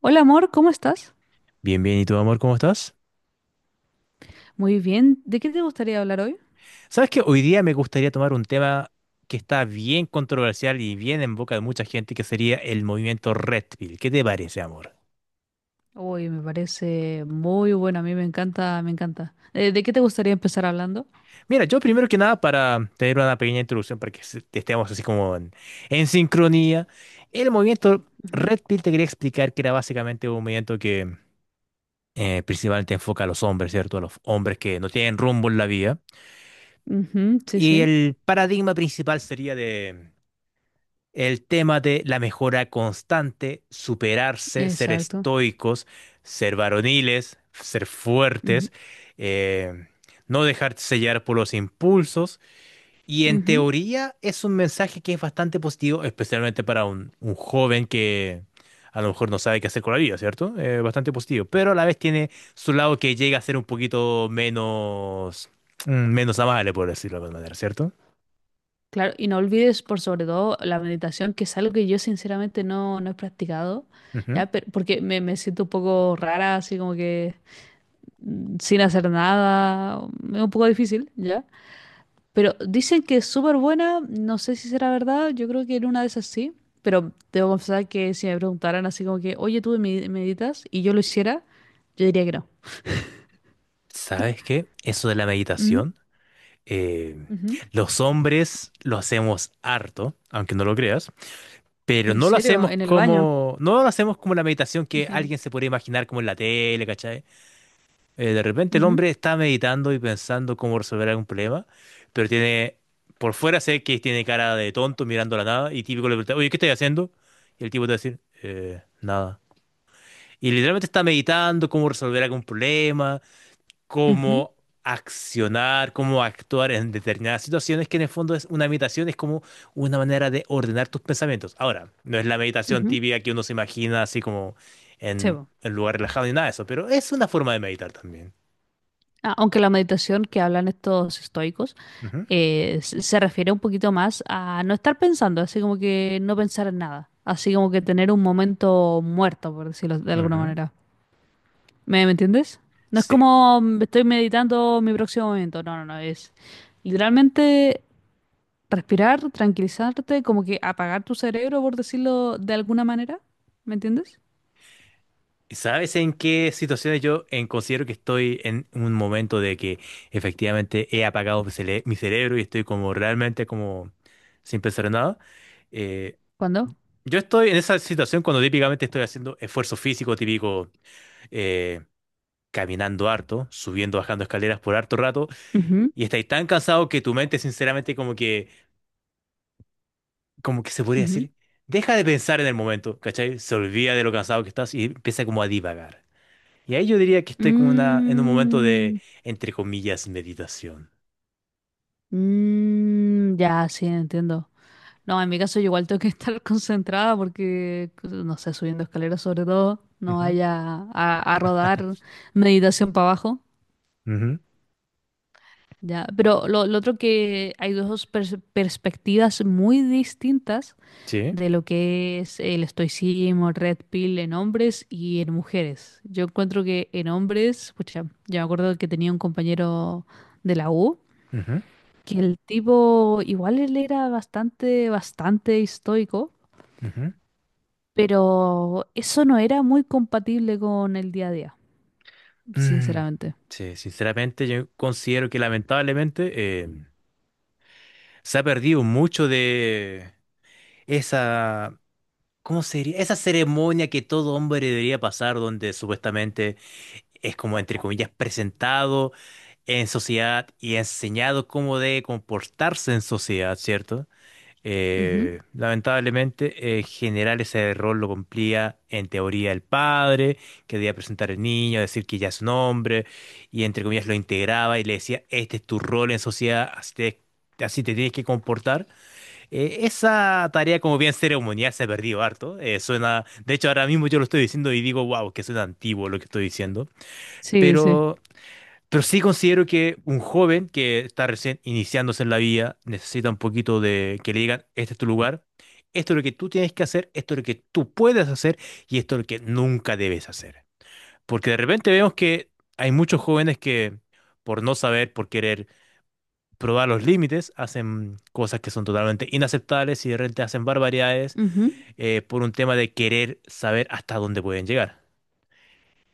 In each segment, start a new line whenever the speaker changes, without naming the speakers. Hola amor, ¿cómo estás?
Bien, bien. ¿Y tu amor, cómo estás?
Muy bien. ¿De qué te gustaría hablar hoy?
Sabes que hoy día me gustaría tomar un tema que está bien controversial y bien en boca de mucha gente, que sería el movimiento Red Pill. ¿Qué te parece, amor?
Uy, me parece muy bueno. A mí me encanta, me encanta. ¿De qué te gustaría empezar hablando?
Mira, yo primero que nada, para tener una pequeña introducción, para que estemos así como en sincronía, el movimiento
Ujú.
Red Pill te quería explicar que era básicamente un movimiento que principalmente enfoca a los hombres, ¿cierto? A los hombres que no tienen rumbo en la vida.
Ujú, sí, sí.
Y el paradigma principal sería de el tema de la mejora constante, superarse, ser
Exacto.
estoicos, ser varoniles, ser
Ujú,
fuertes, eh, no dejarse sellar por los impulsos. Y en
ujú.
teoría es un mensaje que es bastante positivo, especialmente para un joven que a lo mejor no sabe qué hacer con la vida, ¿cierto? Bastante positivo. Pero a la vez tiene su lado que llega a ser un poquito menos, menos amable, por decirlo de alguna manera, ¿cierto?
Claro, y no olvides por sobre todo la meditación, que es algo que yo sinceramente no, no he practicado,
Ujú.
ya, pero, porque me siento un poco rara, así como que sin hacer nada, es un poco difícil, ¿ya? Pero dicen que es súper buena, no sé si será verdad, yo creo que en una de esas sí, pero debo confesar que si me preguntaran así como que, oye, tú meditas y yo lo hiciera, yo diría que no.
¿Sabes qué? Eso de la
Mm,
meditación. eh,
ujú.
los hombres lo hacemos harto, aunque no lo creas, pero
¿En serio? ¿En el baño?
no lo hacemos como la meditación que alguien se puede imaginar como en la tele, ¿cachai? De repente el
Ujú,
hombre está meditando y pensando cómo resolver algún problema, pero por fuera sé que tiene cara de tonto mirando a la nada y típico le pregunta, oye, ¿qué estás haciendo? Y el tipo te va a decir, nada." Y literalmente está meditando cómo resolver algún problema,
ujú,
cómo accionar, cómo actuar en determinadas situaciones, que en el fondo es una meditación, es como una manera de ordenar tus pensamientos. Ahora, no es la meditación
ujú.
típica que uno se imagina así como
Sí,
en
po.
un lugar relajado ni nada de eso, pero es una forma de meditar también.
Ah, aunque la meditación que hablan estos estoicos
Ujú,
se refiere un poquito más a no estar pensando, así como que no pensar en nada, así como que tener un momento muerto, por decirlo de alguna
ujú.
manera. ¿Me entiendes? No es
Sí.
como estoy meditando mi próximo momento, no, no, no, es literalmente respirar, tranquilizarte, como que apagar tu cerebro, por decirlo de alguna manera, ¿me entiendes?
¿Sabes en qué situaciones yo considero que estoy en un momento de que efectivamente he apagado mi cerebro y estoy como realmente como sin pensar en nada? Eh,
¿Cuándo?
Yo estoy en esa situación cuando típicamente estoy haciendo esfuerzo físico, típico eh, caminando harto, subiendo, bajando escaleras por harto rato,
Ujú,
y estáis tan cansado que tu mente, sinceramente, como que se podría
ujú.
decir, deja de pensar en el momento, ¿cachai? Se olvida de lo cansado que estás y empieza como a divagar. Y ahí yo diría que estoy en un momento de,
Mm,
entre comillas, meditación.
mm, ya, sí, entiendo. No, en mi caso yo igual tengo que estar concentrada porque, no sé, subiendo escaleras sobre todo, no
Ujú.
vaya a rodar meditación para abajo.
Ujú,
Ya, pero lo otro que hay dos perspectivas muy distintas
sí.
de lo que es el estoicismo, Red Pill en hombres y en mujeres. Yo encuentro que en hombres, pucha, yo me acuerdo que tenía un compañero de la U,
Ujú,
que el tipo igual él era bastante, bastante estoico,
ujú.
pero eso no era muy compatible con el día a día,
Mm.
sinceramente.
Sí, sinceramente yo considero que lamentablemente, se ha perdido mucho de esa, ¿cómo sería? Esa ceremonia que todo hombre debería pasar, donde supuestamente es como, entre comillas, presentado en sociedad y enseñado cómo debe comportarse en sociedad, ¿cierto?
Ujú.
Lamentablemente, en general ese rol lo cumplía en teoría el padre, que debía presentar al niño, decir que ya es un hombre, y entre comillas lo integraba y le decía, este es tu rol en sociedad, así te tienes que comportar. Esa tarea como bien ceremonial se ha perdido harto. Suena, de hecho, ahora mismo yo lo estoy diciendo y digo, wow, que suena antiguo lo que estoy diciendo.
Sí, sí.
Pero, pero sí considero que un joven que está recién iniciándose en la vida necesita un poquito de que le digan, este es tu lugar, esto es lo que tú tienes que hacer, esto es lo que tú puedes hacer y esto es lo que nunca debes hacer. Porque de repente vemos que hay muchos jóvenes que por no saber, por querer probar los límites, hacen cosas que son totalmente inaceptables y de repente hacen barbaridades,
Ujú,
por un tema de querer saber hasta dónde pueden llegar.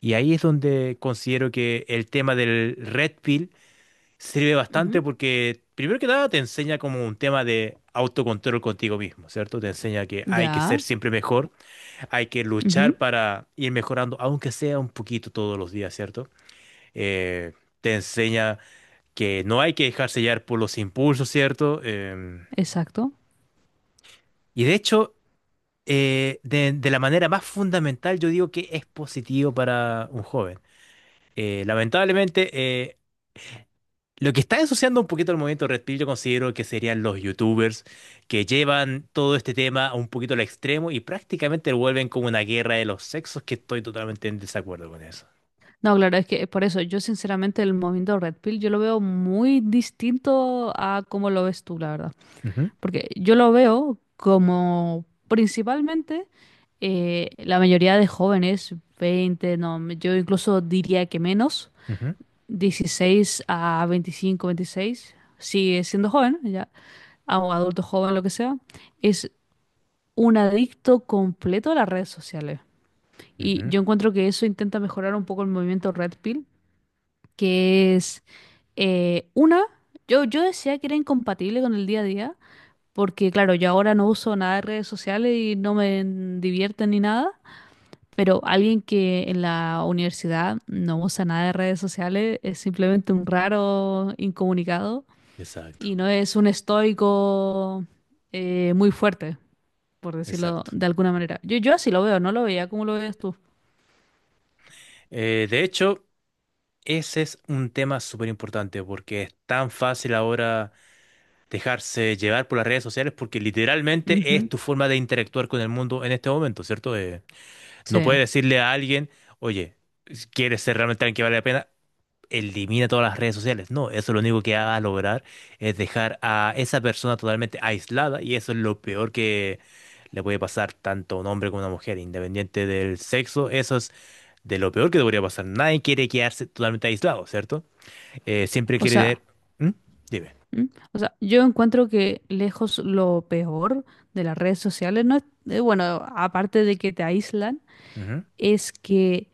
Y ahí es donde considero que el tema del Red Pill sirve bastante
ujú.
porque primero que nada te enseña como un tema de autocontrol contigo mismo, ¿cierto? Te enseña que hay que ser
Ya.
siempre mejor, hay que luchar para ir mejorando, aunque sea un poquito todos los días, ¿cierto? Eh, Te enseña que no hay que dejarse llevar por los impulsos, ¿cierto?
Exacto.
Y de hecho, de la manera más fundamental, yo digo que es positivo para un joven. Eh, lamentablemente, lo que está ensuciando un poquito el movimiento Red Pill, yo considero que serían los YouTubers que llevan todo este tema a un poquito al extremo y prácticamente lo vuelven como una guerra de los sexos, que estoy totalmente en desacuerdo con eso.
No, claro, es que por eso yo sinceramente el movimiento Red Pill yo lo veo muy distinto a cómo lo ves tú, la verdad.
Ujú,
Porque yo lo veo como principalmente la mayoría de jóvenes, 20, no, yo incluso diría que menos,
ujú,
16 a 25, 26, sigue siendo joven, ya, o adulto joven, lo que sea, es un adicto completo a las redes sociales. Y
ujú.
yo encuentro que eso intenta mejorar un poco el movimiento Red Pill que es una, yo decía que era incompatible con el día a día, porque claro, yo ahora no uso nada de redes sociales y no me divierten ni nada, pero alguien que en la universidad no usa nada de redes sociales es simplemente un raro incomunicado
Exacto,
y no es un estoico muy fuerte, por decirlo
exacto.
de alguna manera. Yo así lo veo, no lo veía como lo veías tú.
De hecho, ese es un tema súper importante porque es tan fácil ahora dejarse llevar por las redes sociales porque literalmente es
Ujú,
tu forma de interactuar con el mundo en este momento, ¿cierto? No
sí.
puedes decirle a alguien, oye, si ¿quieres ser realmente alguien que vale la pena? Elimina todas las redes sociales. No, eso lo único que va a lograr es dejar a esa persona totalmente aislada y eso es lo peor que le puede pasar tanto a un hombre como a una mujer, independiente del sexo. Eso es de lo peor que debería pasar. Nadie quiere quedarse totalmente aislado, ¿cierto? Siempre
O
quiere
sea.
tener... ¿Mm? Dime.
¿Mm? O sea, yo encuentro que lejos lo peor de las redes sociales no es, bueno, aparte de que te aíslan,
Ujú,
es que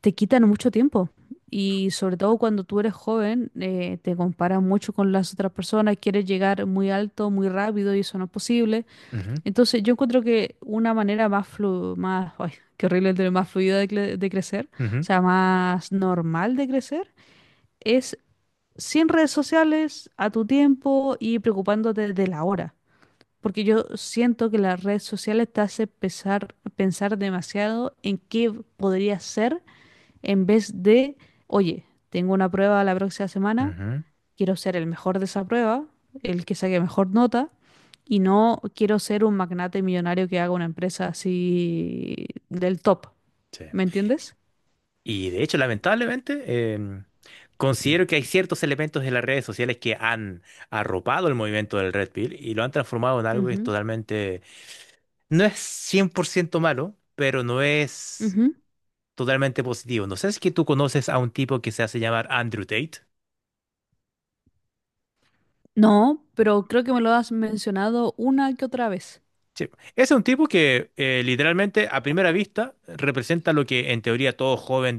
te quitan mucho tiempo. Y sobre todo cuando tú eres joven, te comparas mucho con las otras personas, quieres llegar muy alto, muy rápido y eso no es posible.
ujú,
Entonces yo encuentro que una manera más más, ay, qué horrible, el más fluida de, de crecer, o
ujú.
sea, más normal de crecer, es sin redes sociales, a tu tiempo y preocupándote de la hora. Porque yo siento que las redes sociales te hace pensar demasiado en qué podría ser en vez de, oye, tengo una prueba la próxima semana,
Ujú,
quiero ser el mejor de esa prueba, el que saque mejor nota, y no quiero ser un magnate millonario que haga una empresa así del top.
sí.
¿Me entiendes?
Y de hecho, lamentablemente, considero que hay ciertos elementos de las redes sociales que han arropado el movimiento del Red Pill y lo han transformado en algo que es
Ujú,
totalmente, no es 100% malo, pero no es
ujú.
totalmente positivo. No sé si es que tú conoces a un tipo que se hace llamar Andrew Tate.
No, pero creo que me lo has mencionado una que otra vez.
Sí. Es un tipo que literalmente a primera vista representa lo que en teoría todo joven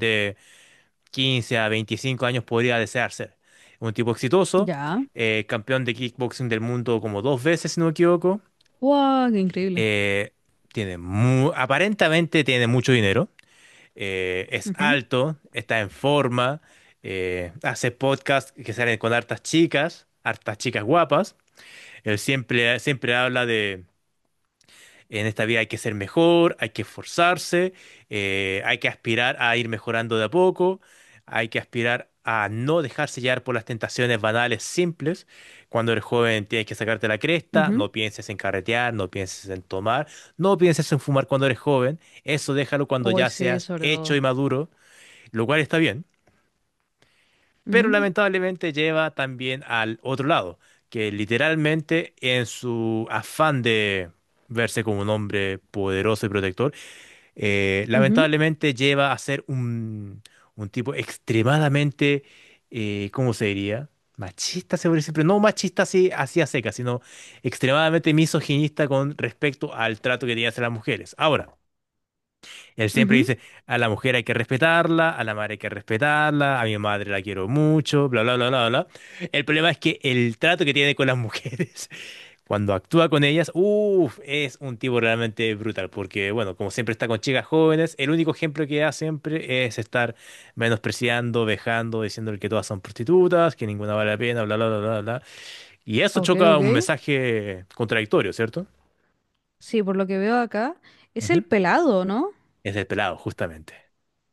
15 a 25 años podría desear ser. Un tipo exitoso,
Ya.
campeón de kickboxing del mundo como dos veces, si no me equivoco.
¡Wow! ¡Qué increíble!
Eh, aparentemente tiene mucho dinero. Es
Ujú,
alto, está en forma, hace podcasts que salen con hartas chicas guapas. Él siempre habla de en esta vida hay que ser mejor, hay que esforzarse, hay que aspirar a ir mejorando de a poco, hay que aspirar a no dejarse llevar por las tentaciones banales simples. Cuando eres joven tienes que sacarte la cresta,
ujú.
no pienses en carretear, no pienses en tomar, no pienses en fumar cuando eres joven. Eso déjalo cuando
Uy,
ya
sí,
seas
sobre
hecho y
todo.
maduro, lo cual está bien, pero
Ujú,
lamentablemente lleva también al otro lado, que literalmente en su afán de verse como un hombre poderoso y protector,
ujú,
lamentablemente lleva a ser un tipo extremadamente, ¿cómo se diría? Machista, se podría decir, pero no machista así, así a seca, sino extremadamente misoginista con respecto al trato que tenía hacia las mujeres. Ahora, él siempre
ujú.
dice, a la mujer hay que respetarla, a la madre hay que respetarla, a mi madre la quiero mucho, bla, bla, bla, bla, bla. El problema es que el trato que tiene con las mujeres, cuando actúa con ellas, uff, es un tipo realmente brutal, porque bueno, como siempre está con chicas jóvenes, el único ejemplo que da siempre es estar menospreciando, vejando, diciéndole que todas son prostitutas, que ninguna vale la pena, bla, bla, bla, bla, bla. Y eso
Ok,
choca
ok.
un mensaje contradictorio, ¿cierto?
Sí, por lo que veo acá, es
Ujú.
el pelado, ¿no?
Es el pelado, justamente.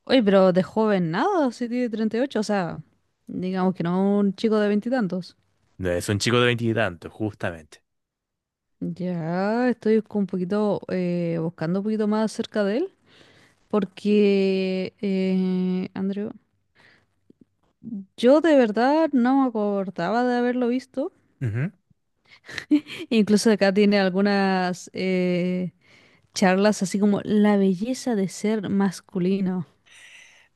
Oye, pero de joven nada, sí tiene 38, o sea, digamos que no un chico de veintitantos.
No es un chico de veintitantos, justamente.
Ya, estoy con un poquito, buscando un poquito más acerca de él, porque, Andrew, yo de verdad no me acordaba de haberlo visto.
Ujú.
Incluso acá tiene algunas, charlas así como la belleza de ser masculino.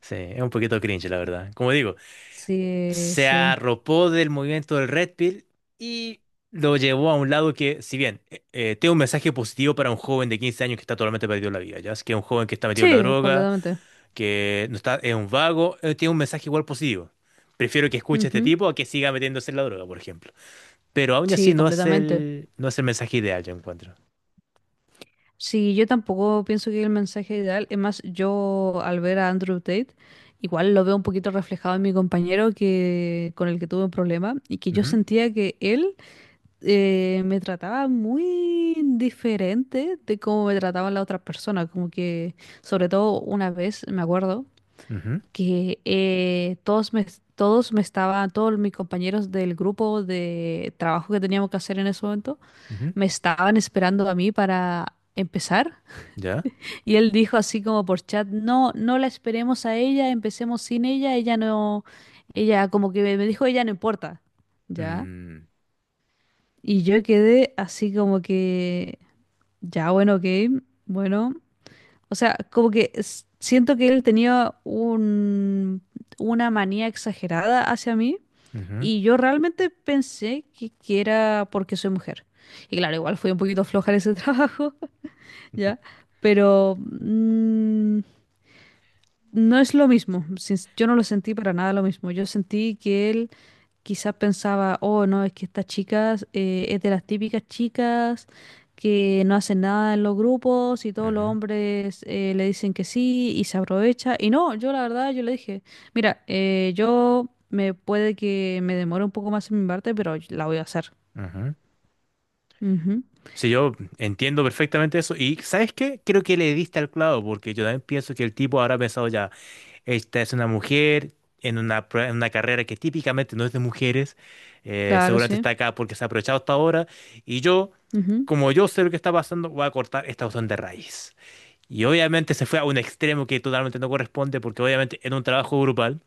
Sí, es un poquito cringe, la verdad. Como digo,
Sí,
se
sí.
arropó del movimiento del Red Pill y lo llevó a un lado que, si bien tiene un mensaje positivo para un joven de 15 años que está totalmente perdido en la vida, ya es que es un joven que está metido en la
Sí,
droga,
completamente.
que no está, es un vago, tiene un mensaje igual positivo. Prefiero que escuche a este
Ujú.
tipo a que siga metiéndose en la droga, por ejemplo. Pero aún así
Sí, completamente.
no es el mensaje ideal, yo encuentro.
Sí, yo tampoco pienso que el mensaje ideal, es más, yo al ver a Andrew Tate, igual lo veo un poquito reflejado en mi compañero que con el que tuve un problema y que yo
Ujú,
sentía que él me trataba muy diferente de cómo me trataban las otras personas, como que sobre todo una vez, me acuerdo.
ujú,
Que todos mis compañeros del grupo de trabajo que teníamos que hacer en ese momento,
ujú.
me estaban esperando a mí para empezar.
¿Ya?
Y él dijo así como por chat, no, no la esperemos a ella, empecemos sin ella, ella no, ella como que me dijo, ella no importa, ¿ya?
Mm,
Y yo quedé así como que, ya, bueno, ok, bueno. O sea, como que siento que él tenía una manía exagerada hacia mí
ujú,
y yo realmente pensé que era porque soy mujer. Y claro, igual fui un poquito floja en ese trabajo,
ujú,
¿ya? Pero no es lo mismo. Yo no lo sentí para nada lo mismo. Yo sentí que él quizás pensaba, oh, no, es que estas chicas es de las típicas chicas que no hacen nada en los grupos y todos los
ujú,
hombres le dicen que sí y se aprovecha. Y no, yo la verdad, yo le dije, mira, yo me puede que me demore un poco más en mi parte, pero la voy a hacer.
ujú.
Ujú,
Sí, yo entiendo perfectamente eso. Y ¿sabes qué? Creo que le diste al clavo, porque yo también pienso que el tipo habrá pensado ya, esta es una mujer en en una carrera que típicamente no es de mujeres,
claro,
seguramente
sí.
está acá porque se ha aprovechado hasta ahora, y yo,
Ujú,
como yo sé lo que está pasando, voy a cortar esta cuestión de raíz. Y obviamente se fue a un extremo que totalmente no corresponde, porque obviamente en un trabajo grupal,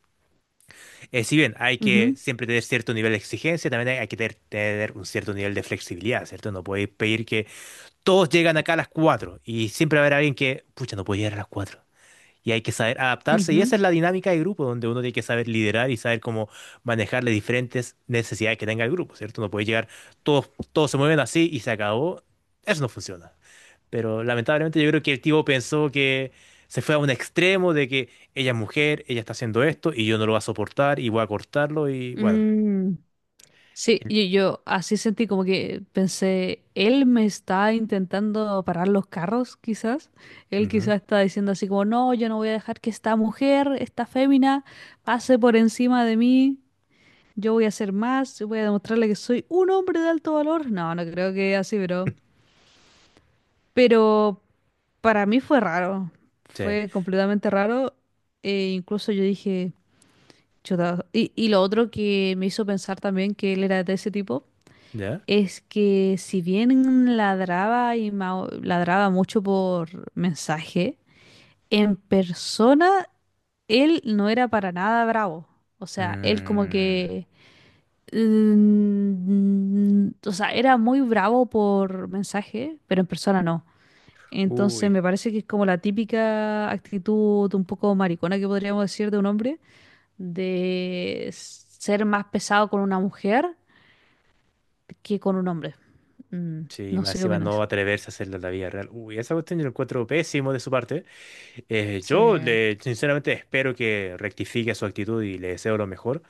si bien hay que
ujú,
siempre tener cierto nivel de exigencia, también hay que tener un cierto nivel de flexibilidad, ¿cierto? No podéis pedir que todos llegan acá a las 4 y siempre va a haber alguien que, pucha, no puede llegar a las 4. Y hay que saber adaptarse y
ujú.
esa es la dinámica de grupo donde uno tiene que saber liderar y saber cómo manejar las diferentes necesidades que tenga el grupo, ¿cierto? No puede llegar, todos se mueven así y se acabó. Eso no funciona. Pero lamentablemente yo creo que el tipo pensó que se fue a un extremo de que ella es mujer, ella está haciendo esto y yo no lo voy a soportar y voy a cortarlo y bueno.
Mm, sí, y yo así sentí como que pensé, él me está intentando parar los carros, quizás. Él
Ujú.
quizás está diciendo así como, no, yo no voy a dejar que esta mujer, esta fémina, pase por encima de mí. Yo voy a hacer más, yo voy a demostrarle que soy un hombre de alto valor. No, no creo que así, pero... Pero para mí fue raro,
Sí.
fue completamente raro. E incluso yo dije, chuta. Y lo otro que me hizo pensar también que él era de ese tipo.
¿Ya?
Es que si bien ladraba y ladraba mucho por mensaje, en persona él no era para nada bravo. O sea, él como
Mm.
que... o sea, era muy bravo por mensaje, pero en persona no. Entonces
Uy.
me parece que es como la típica actitud un poco maricona que podríamos decir de un hombre, de ser más pesado con una mujer que con un hombre. Mm,
Sí,
no
más
sé qué
encima no
opinas.
atreverse a hacerlo en la vida real. Uy, esa cuestión yo la encuentro pésimo de su parte. Eh,
Sí,
yo le, sinceramente espero que rectifique su actitud y le deseo lo mejor,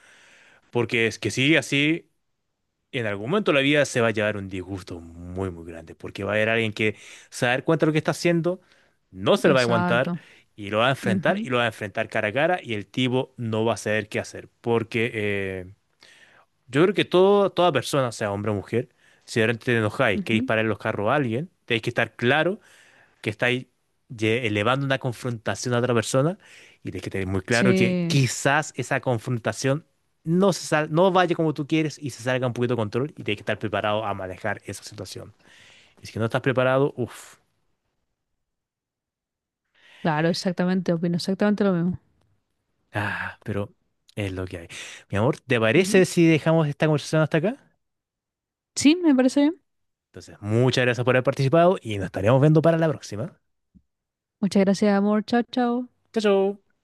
porque es que si sigue así, en algún momento de la vida se va a llevar un disgusto muy, muy grande, porque va a haber alguien que se va a dar cuenta de lo que está haciendo, no se lo va a aguantar
exacto.
y lo va a enfrentar
Ujú,
y lo va a enfrentar cara a cara y el tipo no va a saber qué hacer, porque yo creo que toda persona, sea hombre o mujer, si de repente te enojáis que
ujú.
disparar los carros a alguien, tenéis que estar claro que estáis elevando una confrontación a otra persona y tenéis que tener muy claro que
Sí,
quizás esa confrontación no vaya como tú quieres y se salga un poquito de control y tenéis que estar preparado a manejar esa situación. Y si no estás preparado, uff,
claro, exactamente, opino exactamente lo mismo.
ah, pero es lo que hay. Mi amor, ¿te
Ujú.
parece si dejamos esta conversación hasta acá?
Sí, me parece bien.
Entonces, muchas gracias por haber participado y nos estaremos viendo para la próxima.
Muchas gracias, amor. Chao, chao.
Chao, chao.